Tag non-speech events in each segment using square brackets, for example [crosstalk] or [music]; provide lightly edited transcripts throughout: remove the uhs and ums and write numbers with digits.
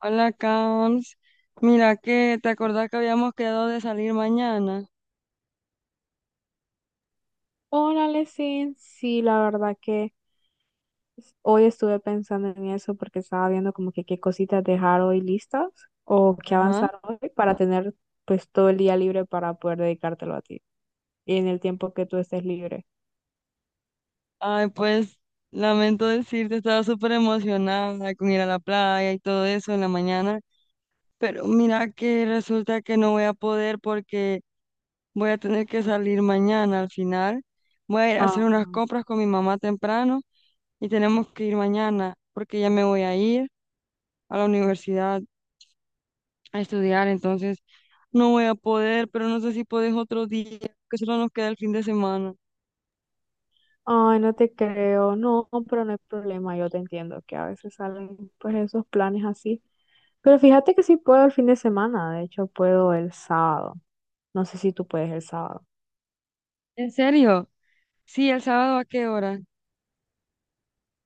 Hola, Cams. Mira que te acordás que habíamos quedado de salir mañana. Hola, Lesin. Sí, la verdad que hoy estuve pensando en eso porque estaba viendo como que qué cositas dejar hoy listas o qué Ajá. avanzar hoy para tener pues todo el día libre para poder dedicártelo a ti y en el tiempo que tú estés libre. Ay, pues lamento decirte, estaba súper emocionada con ir a la playa y todo eso en la mañana, pero mira que resulta que no voy a poder porque voy a tener que salir mañana al final. Voy a ir a Ah, hacer unas compras con mi mamá temprano y tenemos que ir mañana porque ya me voy a ir a la universidad, a estudiar, entonces no voy a poder, pero no sé si podés otro día, que solo nos queda el fin de semana. ay, no te creo, no, pero no hay problema, yo te entiendo que a veces salen pues esos planes así. Pero fíjate que sí puedo el fin de semana, de hecho puedo el sábado. No sé si tú puedes el sábado. ¿En serio? Sí, el sábado, ¿a qué hora?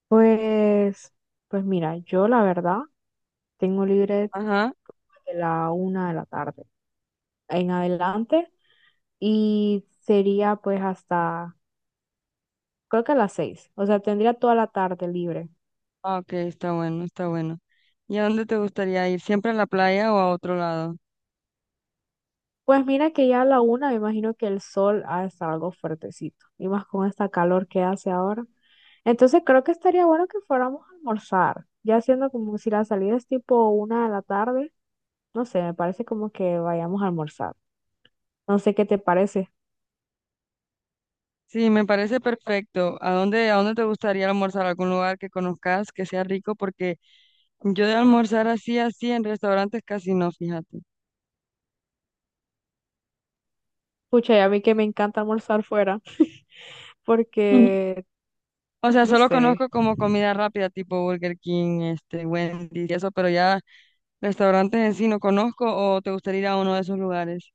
Pues, pues mira, yo la verdad tengo libre Ajá. de la 1 de la tarde en adelante y sería pues hasta, creo que a las 6, o sea, tendría toda la tarde libre. Ah, ok, está bueno, está bueno. ¿Y a dónde te gustaría ir? ¿Siempre a la playa o a otro lado? Pues mira que ya a la 1 me imagino que el sol ha de estar algo fuertecito y más con esta calor que hace ahora. Entonces creo que estaría bueno que fuéramos a almorzar, ya siendo como si la salida es tipo 1 de la tarde, no sé, me parece como que vayamos a almorzar. No sé qué te parece. Sí, me parece perfecto. A dónde te gustaría almorzar? ¿Algún lugar que conozcas que sea rico? Porque yo de almorzar así, así en restaurantes casi no, fíjate. Pucha, y a mí que me encanta almorzar fuera, [laughs] porque, O sea, no solo sé. conozco como comida rápida, tipo Burger King, este, Wendy's y eso, pero ya restaurantes en sí no conozco, o te gustaría ir a uno de esos lugares.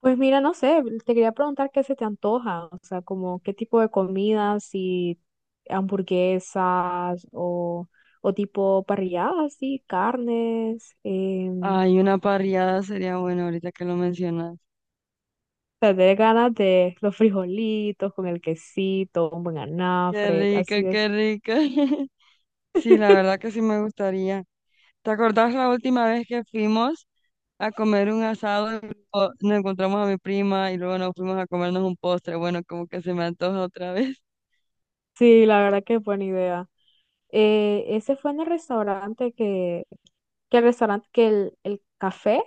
Pues mira, no sé, te quería preguntar qué se te antoja, o sea, como qué tipo de comidas, si hamburguesas o tipo parrilladas, sí, carnes. Ay, una parrillada sería bueno ahorita que lo mencionas. Te dé ganas de los frijolitos con el quesito, un buen Qué anafre, rico, así es. qué rico. [laughs] Sí, la verdad [laughs] que sí me gustaría. ¿Te acordás la última vez que fuimos a comer un asado y luego nos encontramos a mi prima y luego nos fuimos a comernos un postre? Bueno, como que se me antoja otra vez. [laughs] Sí, la verdad que es buena idea. Ese fue en el restaurante que el restaurante, que el café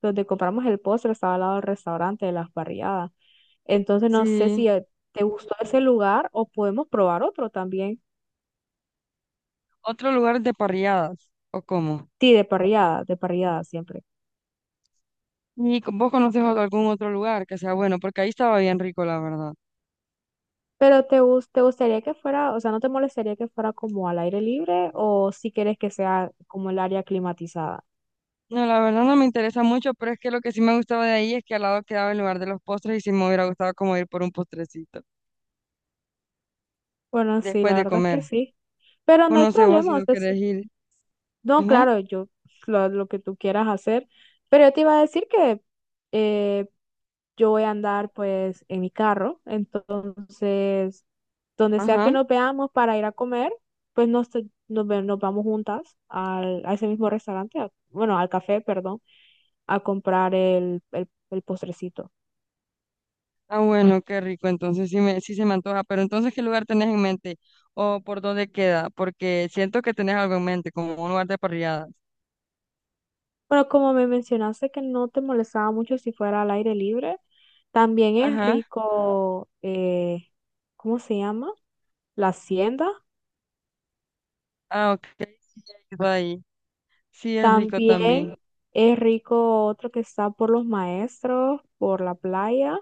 donde compramos el postre estaba al lado del restaurante de las parrilladas. Entonces no sé Sí. si te gustó ese lugar o podemos probar otro también. ¿Otro lugar de parrilladas o cómo? Sí, de parrillada siempre. ¿Y co- vos conoces algún otro lugar que sea bueno? Porque ahí estaba bien rico, la verdad. Pero te gustaría que fuera, o sea, ¿no te molestaría que fuera como al aire libre o si quieres que sea como el área climatizada? No, la verdad no me interesa mucho, pero es que lo que sí me gustaba de ahí es que al lado quedaba el lugar de los postres y sí me hubiera gustado como ir por un postrecito Bueno, sí, después la de verdad es que comer. sí. Pero O no hay no sé vos si problema, o no sea, si querés ir. no, Ajá, claro, yo lo que tú quieras hacer, pero yo te iba a decir que eh, yo voy a andar pues en mi carro, entonces donde sea que ajá. nos veamos para ir a comer, pues nos, te- nos, ve- nos vamos juntas a ese mismo restaurante, bueno, al café, perdón, a comprar el postrecito. Ah, bueno, qué rico. Entonces sí me, sí se me antoja. Pero entonces, ¿qué lugar tenés en mente? ¿O por dónde queda? Porque siento que tenés algo en mente, como un lugar de parrilladas. Bueno, como me mencionaste que no te molestaba mucho si fuera al aire libre, también es Ajá. rico, ¿cómo se llama? La Hacienda. Ah, ok. Sí, ya he ido ahí. Sí, es rico También también. es rico otro que está por los maestros, por la playa,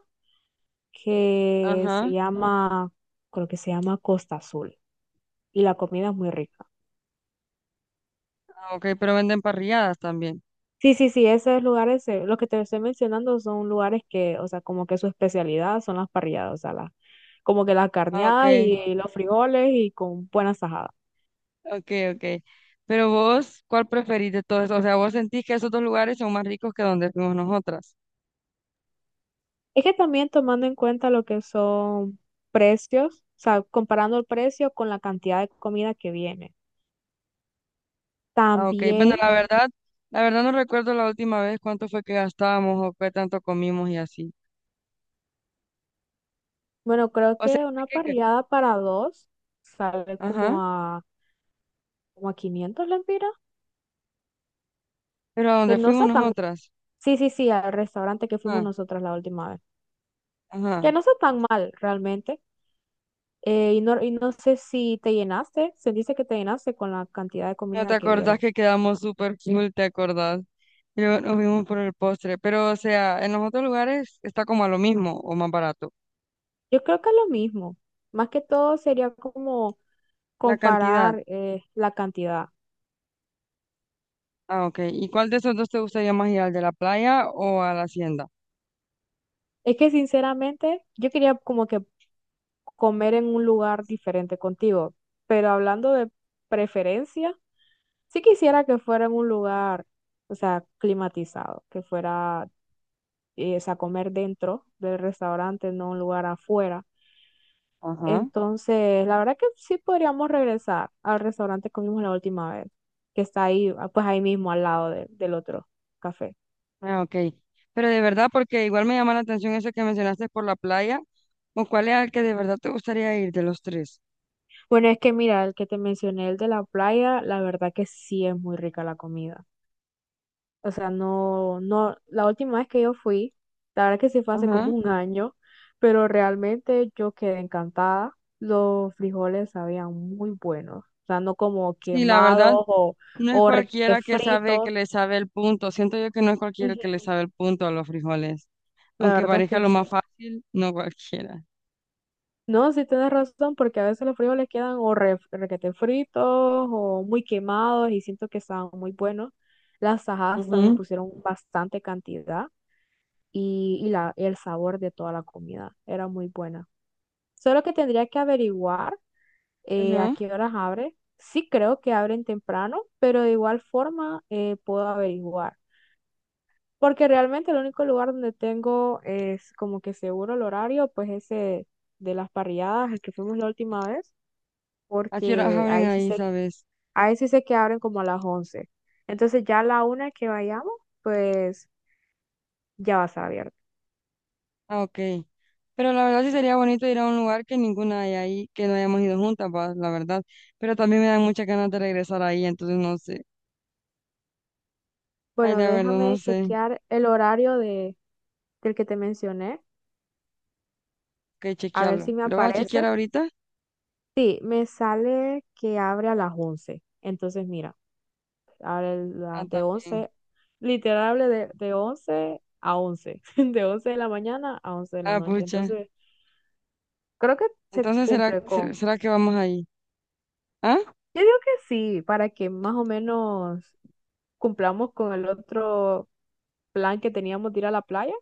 que se Ajá. llama, creo que se llama Costa Azul. Y la comida es muy rica. Ah, ok, pero venden parrilladas también. Sí, sí, sí, esos lugares, los que te estoy mencionando son lugares que, o sea, como que su especialidad son las parrilladas, o sea, las, como que las Ah, ok. carneadas y los frijoles y con buenas tajadas. Ok, ok. Pero vos, ¿cuál preferís de todos esos? O sea, ¿vos sentís que esos dos lugares son más ricos que donde fuimos nosotras? Es que también tomando en cuenta lo que son precios, o sea, comparando el precio con la cantidad de comida que viene. Ah, ok. Bueno, También. La verdad no recuerdo la última vez cuánto fue que gastábamos o qué tanto comimos y así. Bueno, creo O sea, que sé una que- parrillada para dos sale como ajá, a, como a 500 lempiras, pero a que dónde no fuimos está tan... nosotras. Sí, sí, sí, al restaurante que fuimos Ajá, nosotras la última vez, que ajá. no está tan mal realmente. Y no sé si te llenaste, se dice que te llenaste con la cantidad de ¿No te comida que acordás dieron. que quedamos súper full, te acordás? Y luego nos vimos por el postre. Pero, o sea, en los otros lugares está como a lo mismo o más barato. Yo creo que es lo mismo, más que todo sería como La cantidad. comparar la cantidad. Ah, ok. ¿Y cuál de esos dos te gustaría más ir, al de la playa o a la hacienda? Es que sinceramente yo quería como que comer en un lugar diferente contigo. Pero hablando de preferencia, sí quisiera que fuera en un lugar, o sea, climatizado, que fuera, o sea, comer dentro del restaurante, no un lugar afuera. Ajá. Entonces, la verdad que sí podríamos regresar al restaurante que comimos la última vez, que está ahí, ah, pues ahí mismo al lado del otro café. Ah, ok. Pero de verdad, porque igual me llama la atención eso que mencionaste por la playa, ¿o cuál es el que de verdad te gustaría ir de los tres? Bueno, es que mira, el que te mencioné, el de la playa, la verdad que sí es muy rica la comida. O sea, no, no, la última vez que yo fui, la verdad que sí fue hace Ajá. como un año, pero realmente yo quedé encantada. Los frijoles sabían muy buenos, o sea, no como Sí, la verdad, quemados o, no es o re- eh, cualquiera que sabe que fritos. le sabe el punto. Siento yo que no es cualquiera Ujú, que le sabe el punto a los frijoles. la Aunque verdad es parezca que lo sí. más fácil, no cualquiera. No, sí tienes razón, porque a veces los frijoles quedan o requete fritos o muy quemados y siento que estaban muy buenos. Las tajadas también Ujú. pusieron bastante cantidad y la, el sabor de toda la comida era muy buena. Solo que tendría que averiguar a Ajá. qué horas abre. Sí creo que abren temprano, pero de igual forma puedo averiguar. Porque realmente el único lugar donde tengo es como que seguro el horario, pues ese de las parrilladas, el que fuimos la última vez, ¿A qué horas porque abren ahí, sabes? ahí sí sé que abren como a las 11. Entonces ya a la 1 que vayamos, pues ya va a estar abierto. Ah, ok. Pero la verdad sí sería bonito ir a un lugar que ninguna hay ahí, que no hayamos ido juntas, va, la verdad. Pero también me dan muchas ganas de regresar ahí, entonces no sé. Ay, Bueno, la verdad no déjame sé. chequear el horario del que te mencioné, Ok, a ver chequearlo. si me ¿Lo vas a chequear aparece. ahorita? Sí, me sale que abre a las 11. Entonces, mira, abre Ah, de también. 11, literal abre de 11 a 11, [laughs] de once de la mañana a once de la Ah, noche. pucha. Entonces, creo que se Entonces, ¿será, cumple se- con, será que vamos ahí? ¿Ah? yo digo que sí, para que más o menos cumplamos con el otro plan que teníamos de ir a la playa.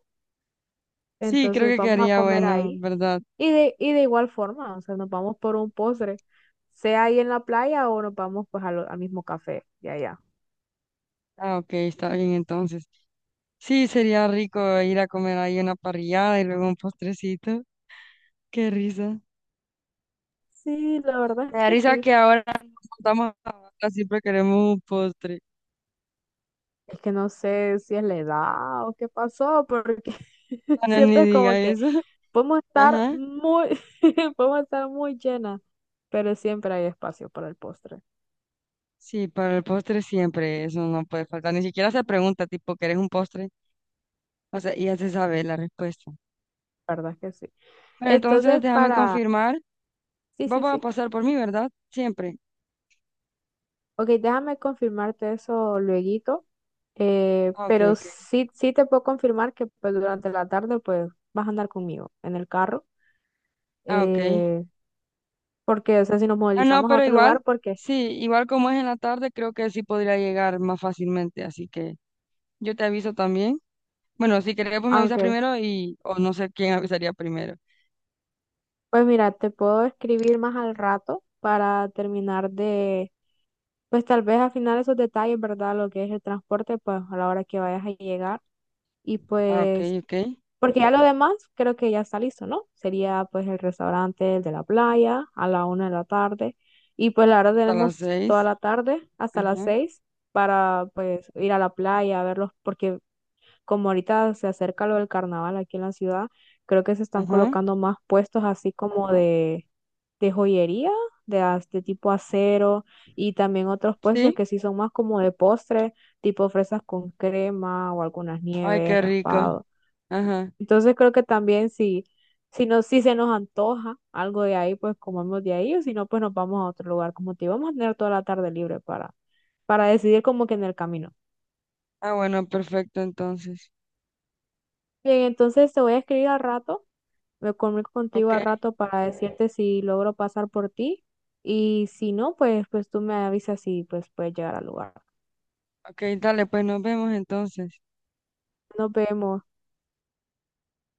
Sí, creo Entonces, que vamos a quedaría comer bueno, ahí. ¿verdad? Y de igual forma, o sea, nos vamos por un postre, sea ahí en la playa o nos vamos pues a al mismo café de allá. Ah, ok, está bien entonces. Sí, sería rico ir a comer ahí una parrillada y luego un postrecito. Qué risa. Sí, la verdad Me es da que risa sí. que ahora nos juntamos a hablar, siempre queremos un postre. Es que no sé si es la edad o qué pasó, porque [laughs] Bueno, ni siempre es como diga que eso. podemos [laughs] estar Ajá. muy, [laughs] podemos estar muy llenas, pero siempre hay espacio para el postre. Sí, para el postre siempre, eso no puede faltar. Ni siquiera se pregunta, tipo, ¿querés un postre? O sea, ya se sabe la respuesta. La verdad es que sí. Bueno, entonces Entonces, déjame para... confirmar. Sí, Vos sí, vas a sí. pasar por mí, ¿verdad? Siempre. Ok, déjame confirmarte eso lueguito, Ah, ok, pero ok. sí, sí te puedo confirmar que pues, durante la tarde pues vas a andar conmigo en el carro, Ah, ok. eh, porque, o sea, si nos Ah, no, movilizamos a pero otro igual, lugar, porque... sí, igual como es en la tarde, creo que sí podría llegar más fácilmente. Así que yo te aviso también. Bueno, si querés, pues me avisas aunque, primero y, o no sé quién avisaría primero. pues mira, te puedo escribir más al rato para terminar de, pues tal vez afinar esos detalles, ¿verdad? Lo que es el transporte, pues a la hora que vayas a llegar. Y Ah, ok, pues, ok. porque ya lo demás creo que ya está listo, ¿no? Sería pues el restaurante, el de la playa, a la 1 de la tarde. Y pues la verdad Hasta las tenemos toda 6. la tarde hasta las Ajá, 6 para pues ir a la playa, a verlos, porque como ahorita se acerca lo del carnaval aquí en la ciudad, creo que se están ajá. colocando más puestos así como de joyería, de tipo acero, y también otros puestos Sí. que sí son más como de postre, tipo fresas con crema o algunas Ay, nieves, qué rico. raspado. Ajá. Entonces creo que también si, no, si se nos antoja algo de ahí, pues comemos de ahí, o si no, pues nos vamos a otro lugar. Como te digo, vamos a tener toda la tarde libre para decidir como que en el camino. Ah, bueno, perfecto entonces. Bien, entonces te voy a escribir al rato. Me comunico contigo Ok, al rato para decirte si logro pasar por ti y si no, pues, pues tú me avisas y pues puedes llegar al lugar. ok, dale, pues nos vemos entonces. Nos vemos.